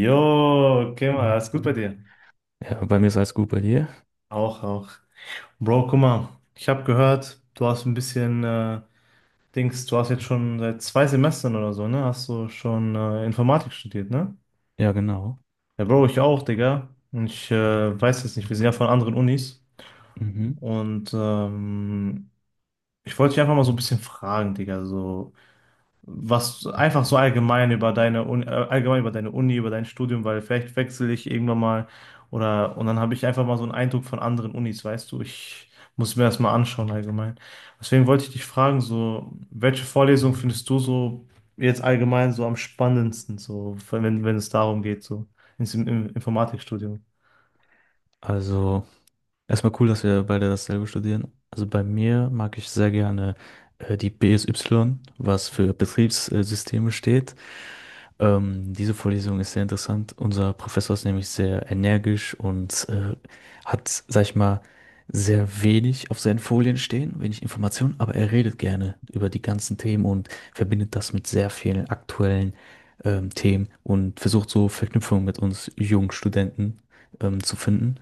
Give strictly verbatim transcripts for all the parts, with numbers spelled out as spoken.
Jo, okay, mal, alles gut bei dir? Ja, bei mir ist alles gut bei dir. Auch, auch. Bro, guck mal, ich habe gehört, du hast ein bisschen äh, Dings, du hast jetzt schon seit zwei Semestern oder so, ne? Hast du schon äh, Informatik studiert, ne? Ja, genau. Ja, Bro, ich auch, Digga. Und ich äh, weiß jetzt nicht, wir sind ja von anderen Unis. Mhm. Und ähm, ich wollte dich einfach mal so ein bisschen fragen, Digga, so. Was einfach so allgemein über deine Uni, äh, allgemein über deine Uni, über dein Studium, weil vielleicht wechsle ich irgendwann mal oder und dann habe ich einfach mal so einen Eindruck von anderen Unis, weißt du, ich muss mir das mal anschauen allgemein. Deswegen wollte ich dich fragen, so welche Vorlesung findest du so jetzt allgemein so am spannendsten, so wenn wenn es darum geht, so ins Im- im Informatikstudium? Also, erstmal cool, dass wir beide dasselbe studieren. Also bei mir mag ich sehr gerne äh, die B S Y, was für Betriebssysteme steht. Ähm, diese Vorlesung ist sehr interessant. Unser Professor ist nämlich sehr energisch und äh, hat, sag ich mal, sehr wenig auf seinen Folien stehen, wenig Informationen, aber er redet gerne über die ganzen Themen und verbindet das mit sehr vielen aktuellen ähm, Themen und versucht so Verknüpfungen mit uns jungen Studenten ähm, zu finden.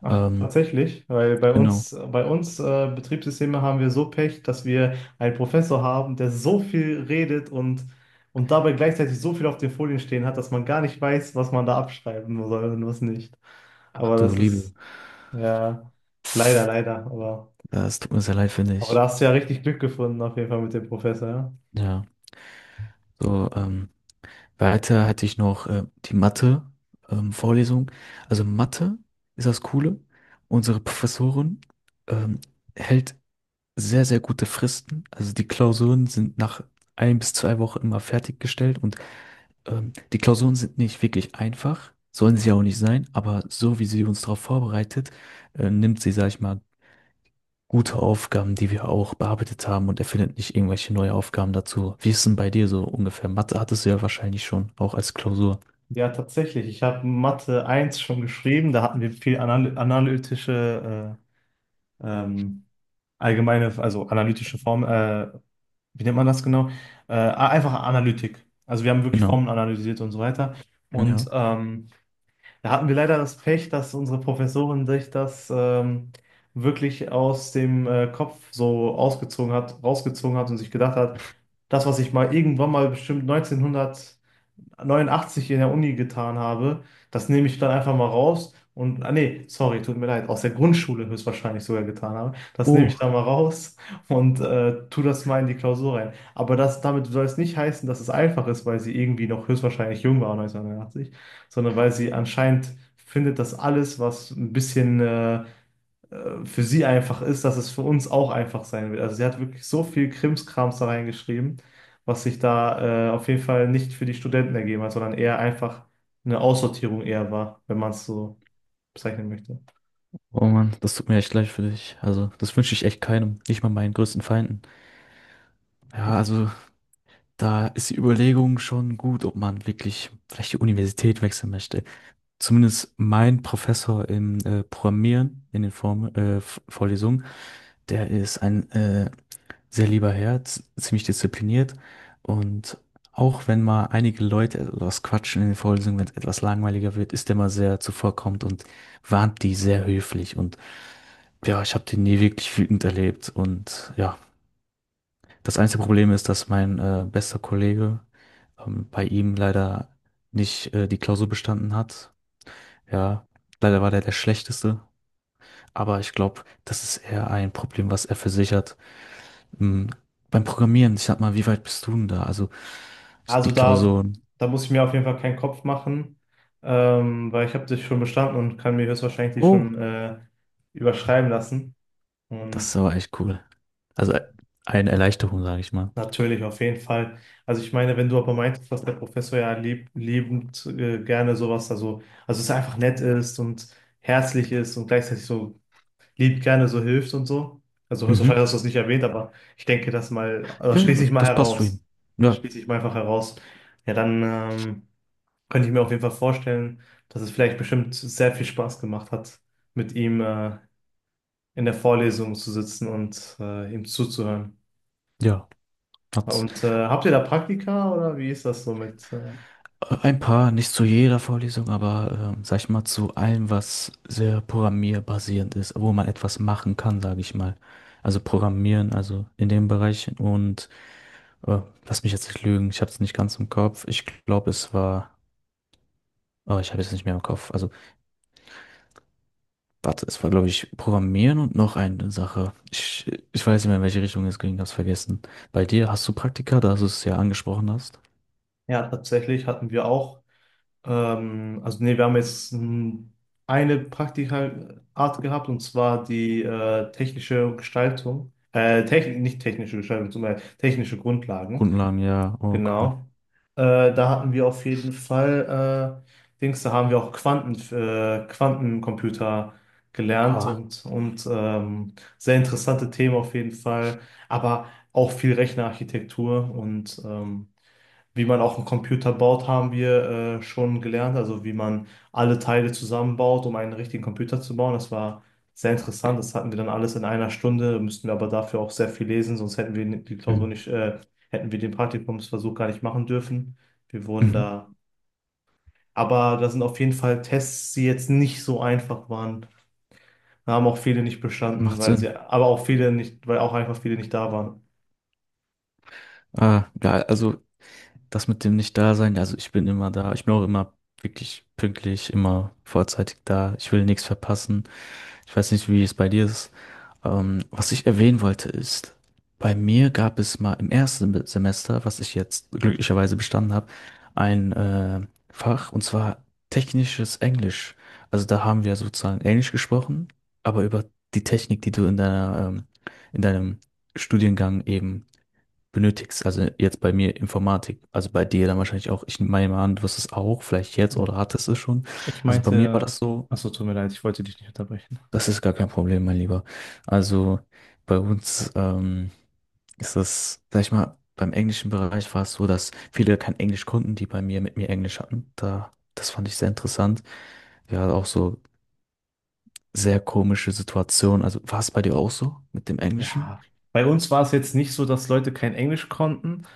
Ach, Ähm, tatsächlich, weil bei genau. uns, bei uns äh, Betriebssysteme haben wir so Pech, dass wir einen Professor haben, der so viel redet und, und dabei gleichzeitig so viel auf den Folien stehen hat, dass man gar nicht weiß, was man da abschreiben soll und was nicht. Ach Aber du das ist, Liebe, ja, leider, leider. Aber, das tut mir sehr leid, finde aber da ich. hast du ja richtig Glück gefunden, auf jeden Fall mit dem Professor, ja. Ja, so, ähm, weiter hatte ich noch äh, die Mathe, ähm, Vorlesung. Also Mathe ist das Coole. Unsere Professorin ähm, hält sehr, sehr gute Fristen. Also die Klausuren sind nach ein bis zwei Wochen immer fertiggestellt und ähm, die Klausuren sind nicht wirklich einfach, sollen sie auch nicht sein, aber so wie sie uns darauf vorbereitet, äh, nimmt sie, sag ich mal, gute Aufgaben, die wir auch bearbeitet haben und erfindet nicht irgendwelche neue Aufgaben dazu. Wie ist denn bei dir so ungefähr? Mathe hattest du ja wahrscheinlich schon, auch als Klausur. Ja, tatsächlich. Ich habe Mathe eins schon geschrieben. Da hatten wir viel anal- analytische, äh, ähm, allgemeine, also analytische Form, äh, wie nennt man das genau? Äh, einfach Analytik. Also wir haben wirklich Genau. Formeln analysiert und so weiter. Und Ja. ähm, da hatten wir leider das Pech, dass unsere Professorin sich das ähm, wirklich aus dem äh, Kopf so ausgezogen hat, rausgezogen hat und sich gedacht hat, das, was ich mal irgendwann mal bestimmt neunzehnhundert neunundachtzig in der Uni getan habe, das nehme ich dann einfach mal raus und, ah nee, sorry, tut mir leid, aus der Grundschule höchstwahrscheinlich sogar getan habe, das nehme ich Oh. dann mal raus und äh, tu das mal in die Klausur rein. Aber das, damit soll es nicht heißen, dass es einfach ist, weil sie irgendwie noch höchstwahrscheinlich jung war, neunzehnhundertneunundachtzig, sondern weil sie anscheinend findet, dass alles, was ein bisschen äh, äh, für sie einfach ist, dass es für uns auch einfach sein wird. Also sie hat wirklich so viel Krimskrams da reingeschrieben, was sich da äh, auf jeden Fall nicht für die Studenten ergeben hat, sondern eher einfach eine Aussortierung eher war, wenn man es so bezeichnen möchte. Oh Mann, das tut mir echt leid für dich. Also, das wünsche ich echt keinem, nicht mal meinen größten Feinden. Ja, also, da ist die Überlegung schon gut, ob man wirklich vielleicht die Universität wechseln möchte. Zumindest mein Professor im äh, Programmieren in den Form, äh, Vorlesungen, der ist ein äh, sehr lieber Herr, z- ziemlich diszipliniert und auch wenn mal einige Leute etwas quatschen in den Vorlesungen, wenn es etwas langweiliger wird, ist er mal sehr zuvorkommend und warnt die sehr höflich und ja, ich habe den nie wirklich wütend erlebt und ja, das einzige Problem ist, dass mein äh, bester Kollege ähm, bei ihm leider nicht äh, die Klausur bestanden hat. Ja, leider war der der Schlechteste, aber ich glaube, das ist eher ein Problem, was er für sich hat. Hm, Beim Programmieren, ich sag mal, wie weit bist du denn da? Also ich- die Also da, Klausuren. da muss ich mir auf jeden Fall keinen Kopf machen, ähm, weil ich habe das schon bestanden und kann mir höchstwahrscheinlich Oh, schon äh, überschreiben lassen. das Und ist aber echt cool. Also äh, eine Erleichterung, sage ich mal. natürlich, auf jeden Fall. Also ich meine, wenn du aber meintest, dass der Professor ja lieb, liebend äh, gerne sowas, also, also es einfach nett ist und herzlich ist und gleichzeitig so lieb gerne so hilft und so. Also höchstwahrscheinlich Mhm. hast du das nicht erwähnt, aber ich denke das mal, also Ja, das ja, schließe ich das, mal das passt zu ihm. heraus. Das Ja, schließe ich mal einfach heraus. Ja, dann ähm, könnte ich mir auf jeden Fall vorstellen, dass es vielleicht bestimmt sehr viel Spaß gemacht hat, mit ihm äh, in der Vorlesung zu sitzen und äh, ihm zuzuhören. ja. Hat's Und äh, habt ihr da Praktika oder wie ist das so mit? Äh, äh, ein paar, nicht zu jeder Vorlesung, aber ähm, sag ich mal, zu allem, was sehr programmierbasierend ist, wo man etwas machen kann, sage ich mal. Also Programmieren, also in dem Bereich. Und äh, lass mich jetzt nicht lügen, ich habe es nicht ganz im Kopf. Ich glaube, es war, oh, ich habe es nicht mehr im Kopf. Also warte, es war, glaube ich, Programmieren und noch eine Sache. Ich, ich weiß nicht mehr, in welche Richtung es ging, hab's vergessen. Bei dir hast du Praktika, da du es ja angesprochen hast. ja, tatsächlich hatten wir auch, ähm, also nee, wir haben jetzt ähm, eine Praktika-Art gehabt und zwar die äh, technische Gestaltung, äh, techn nicht technische Gestaltung, sondern technische Grundlagen. Grundlagen, ja. Oh, cool. Genau. Äh, da hatten wir auf jeden Fall, äh, Dings, da haben wir auch Quanten, äh, Quantencomputer gelernt Wow. und, und ähm, sehr interessante Themen auf jeden Fall, aber auch viel Rechnerarchitektur und ähm, wie man auch einen Computer baut, haben wir äh, schon gelernt. Also wie man alle Teile zusammenbaut, um einen richtigen Computer zu bauen. Das war sehr interessant. Das hatten wir dann alles in einer Stunde. Müssten wir aber dafür auch sehr viel lesen, sonst hätten wir die Klausur Mhm. nicht, äh, hätten wir den Praktikumsversuch gar nicht machen dürfen. Wir wurden Mhm. da. Aber da sind auf jeden Fall Tests, die jetzt nicht so einfach waren. Da haben auch viele nicht bestanden, Macht weil sie, Sinn. aber auch viele nicht, weil auch einfach viele nicht da waren. Ah, ja, also das mit dem Nicht-Dasein, also ich bin immer da. Ich bin auch immer wirklich pünktlich, immer vorzeitig da. Ich will nichts verpassen. Ich weiß nicht, wie es bei dir ist. Ähm, was ich erwähnen wollte ist, bei mir gab es mal im ersten Be- Semester, was ich jetzt glücklicherweise bestanden habe, ein äh, Fach und zwar technisches Englisch. Also da haben wir sozusagen Englisch gesprochen, aber über die Technik, die du in deiner, ähm, in deinem Studiengang eben benötigst. Also jetzt bei mir Informatik, also bei dir dann wahrscheinlich auch. Ich meine mal an, du wirst es auch, vielleicht jetzt Ja. oder hattest es schon. Ich Also bei mir war meinte, das so. achso, tut mir leid, ich wollte dich nicht unterbrechen. Das ist gar kein Problem, mein Lieber. Also bei uns ähm, ist das, sag ich mal, beim englischen Bereich war es so, dass viele kein Englisch konnten, die bei mir mit mir Englisch hatten. Da, das fand ich sehr interessant. Wir hatten auch so sehr komische Situationen. Also war es bei dir auch so mit dem Englischen? Ja, bei uns war es jetzt nicht so, dass Leute kein Englisch konnten.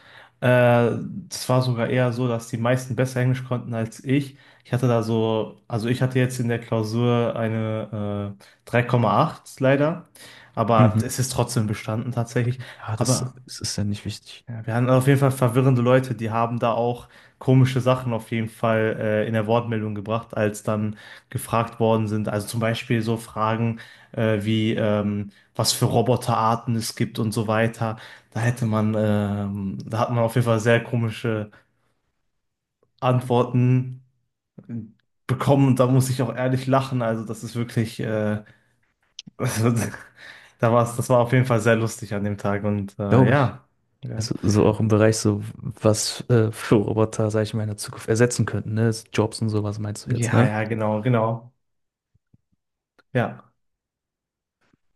Äh, Es war sogar eher so, dass die meisten besser Englisch konnten als ich. Ich hatte da so, also ich hatte jetzt in der Klausur eine äh, drei Komma acht leider, aber Mhm. es ist trotzdem bestanden tatsächlich. Ja, das, Aber das ist ja nicht wichtig, ja, wir haben auf jeden Fall verwirrende Leute, die haben da auch komische Sachen auf jeden Fall äh, in der Wortmeldung gebracht, als dann gefragt worden sind. Also zum Beispiel so Fragen äh, wie, ähm, was für Roboterarten es gibt und so weiter. Da hätte man, ähm, da hat man auf jeden Fall sehr komische Antworten bekommen und da muss ich auch ehrlich lachen. Also das ist wirklich, äh, also, da war's, das war auf jeden Fall sehr lustig an dem Tag und äh, glaube ich. ja. Ja, Also so auch im Bereich so, was äh, für Roboter, sag ich mal, in der Zukunft ersetzen könnten, ne? Jobs und sowas meinst du jetzt, ja, ne? ja, genau, genau. Ja.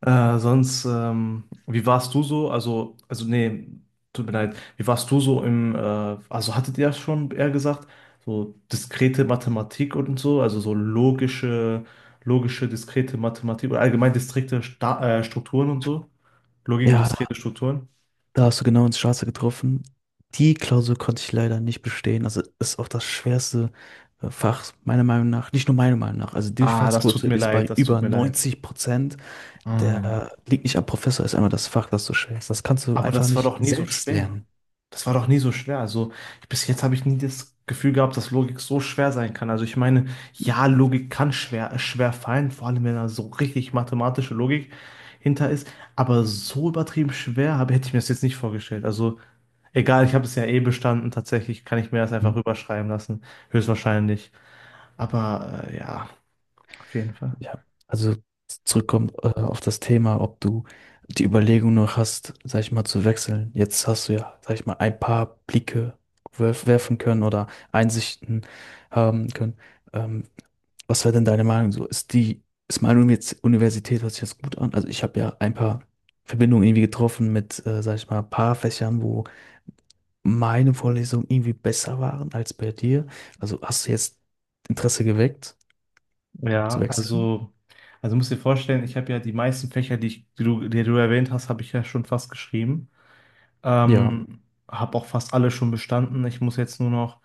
Äh, sonst, ähm, wie warst du so? Also, also nee, tut mir leid. Wie warst du so im, äh, also hattet ihr ja schon eher gesagt, so diskrete Mathematik und so, also so logische, logische, diskrete Mathematik oder allgemein diskrete Sta äh, Strukturen und so? Logik und Ja, diskrete da Strukturen? da hast du genau ins Schwarze getroffen. Die Klausur konnte ich leider nicht bestehen. Also ist auch das schwerste äh, Fach, meiner Meinung nach. Nicht nur meiner Meinung nach. Also die Ah, das tut Durchfallsquote mir ist leid, bei das tut über mir leid. neunzig Prozent. Ah. Der liegt nicht am Professor, ist einmal das Fach, das du schwerst. Das kannst du Aber einfach das war nicht doch nie so selbst schwer. lernen. Das war doch nie so schwer. Also ich- bis jetzt habe ich nie das Gefühl gehabt, dass Logik so schwer sein kann. Also ich meine, ja, Logik kann schwer, schwer fallen, vor allem wenn da so richtig mathematische Logik hinter ist. Aber so übertrieben schwer habe, hätte ich mir das jetzt nicht vorgestellt. Also egal, ich habe es ja eh bestanden. Tatsächlich kann ich mir das einfach Mhm. rüberschreiben lassen. Höchstwahrscheinlich. Aber äh, ja, auf jeden Fall. Ja. Also zurückkommt äh, auf das Thema, ob du die Überlegung noch hast, sag ich mal, zu wechseln. Jetzt hast du ja, sag ich mal, ein paar Blicke werf- werfen können oder Einsichten haben können. Ähm, Was wäre denn deine Meinung so? Ist die, ist meine Uni- Universität, hört sich das gut an? Also ich habe ja ein paar Verbindungen irgendwie getroffen mit, äh, sag ich mal, ein paar Fächern, wo meine Vorlesungen irgendwie besser waren als bei dir. Also hast du jetzt Interesse geweckt zu Ja, wechseln? also, also musst dir vorstellen, ich habe ja die meisten Fächer, die, ich, die du, die du erwähnt hast, habe ich ja schon fast geschrieben. Ja, Ähm, Habe auch fast alle schon bestanden. Ich muss jetzt nur noch,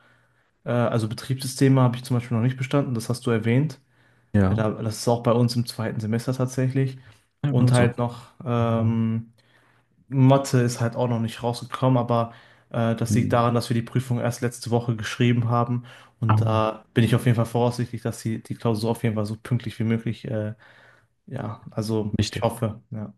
äh, also Betriebssysteme habe ich zum Beispiel noch nicht bestanden, das hast du erwähnt. Äh, ja. da, das ist auch bei uns im zweiten Semester tatsächlich. Ja, bei Und uns halt auch. noch, ähm, Mathe ist halt auch noch nicht rausgekommen, aber äh, das liegt Hm. daran, dass wir die Prüfung erst letzte Woche geschrieben haben. Ah, Und da bin ich auf jeden Fall voraussichtlich, dass die, die Klausur auf jeden Fall so pünktlich wie möglich, äh, ja, also ich wichtig. hoffe, ja.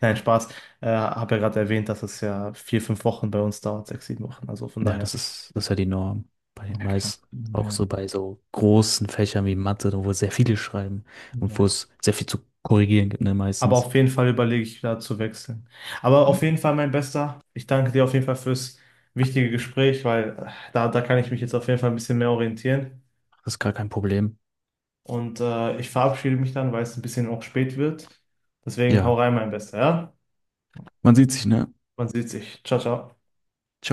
Nein, Spaß. Äh, habe ja gerade erwähnt, dass es ja vier, fünf Wochen bei uns dauert, sechs, sieben Wochen. Also von Ja, daher. das ist, das ist ja die Norm bei den Ja, klar. meisten. Auch Ja. so bei so großen Fächern wie Mathe, wo sehr viele schreiben und wo Ja. es sehr viel zu korrigieren gibt, ne, Aber meistens. auf jeden Fall überlege ich da zu wechseln. Aber auf jeden Fall, mein Bester, ich danke dir auf jeden Fall fürs wichtige Gespräch, weil äh, da, da kann ich mich jetzt auf jeden Fall ein bisschen mehr orientieren. Das ist gar kein Problem. Und äh, ich verabschiede mich dann, weil es ein bisschen auch spät wird. Deswegen hau Ja, rein, mein Bester, ja? man sieht sich, ne? Man sieht sich. Ciao, ciao.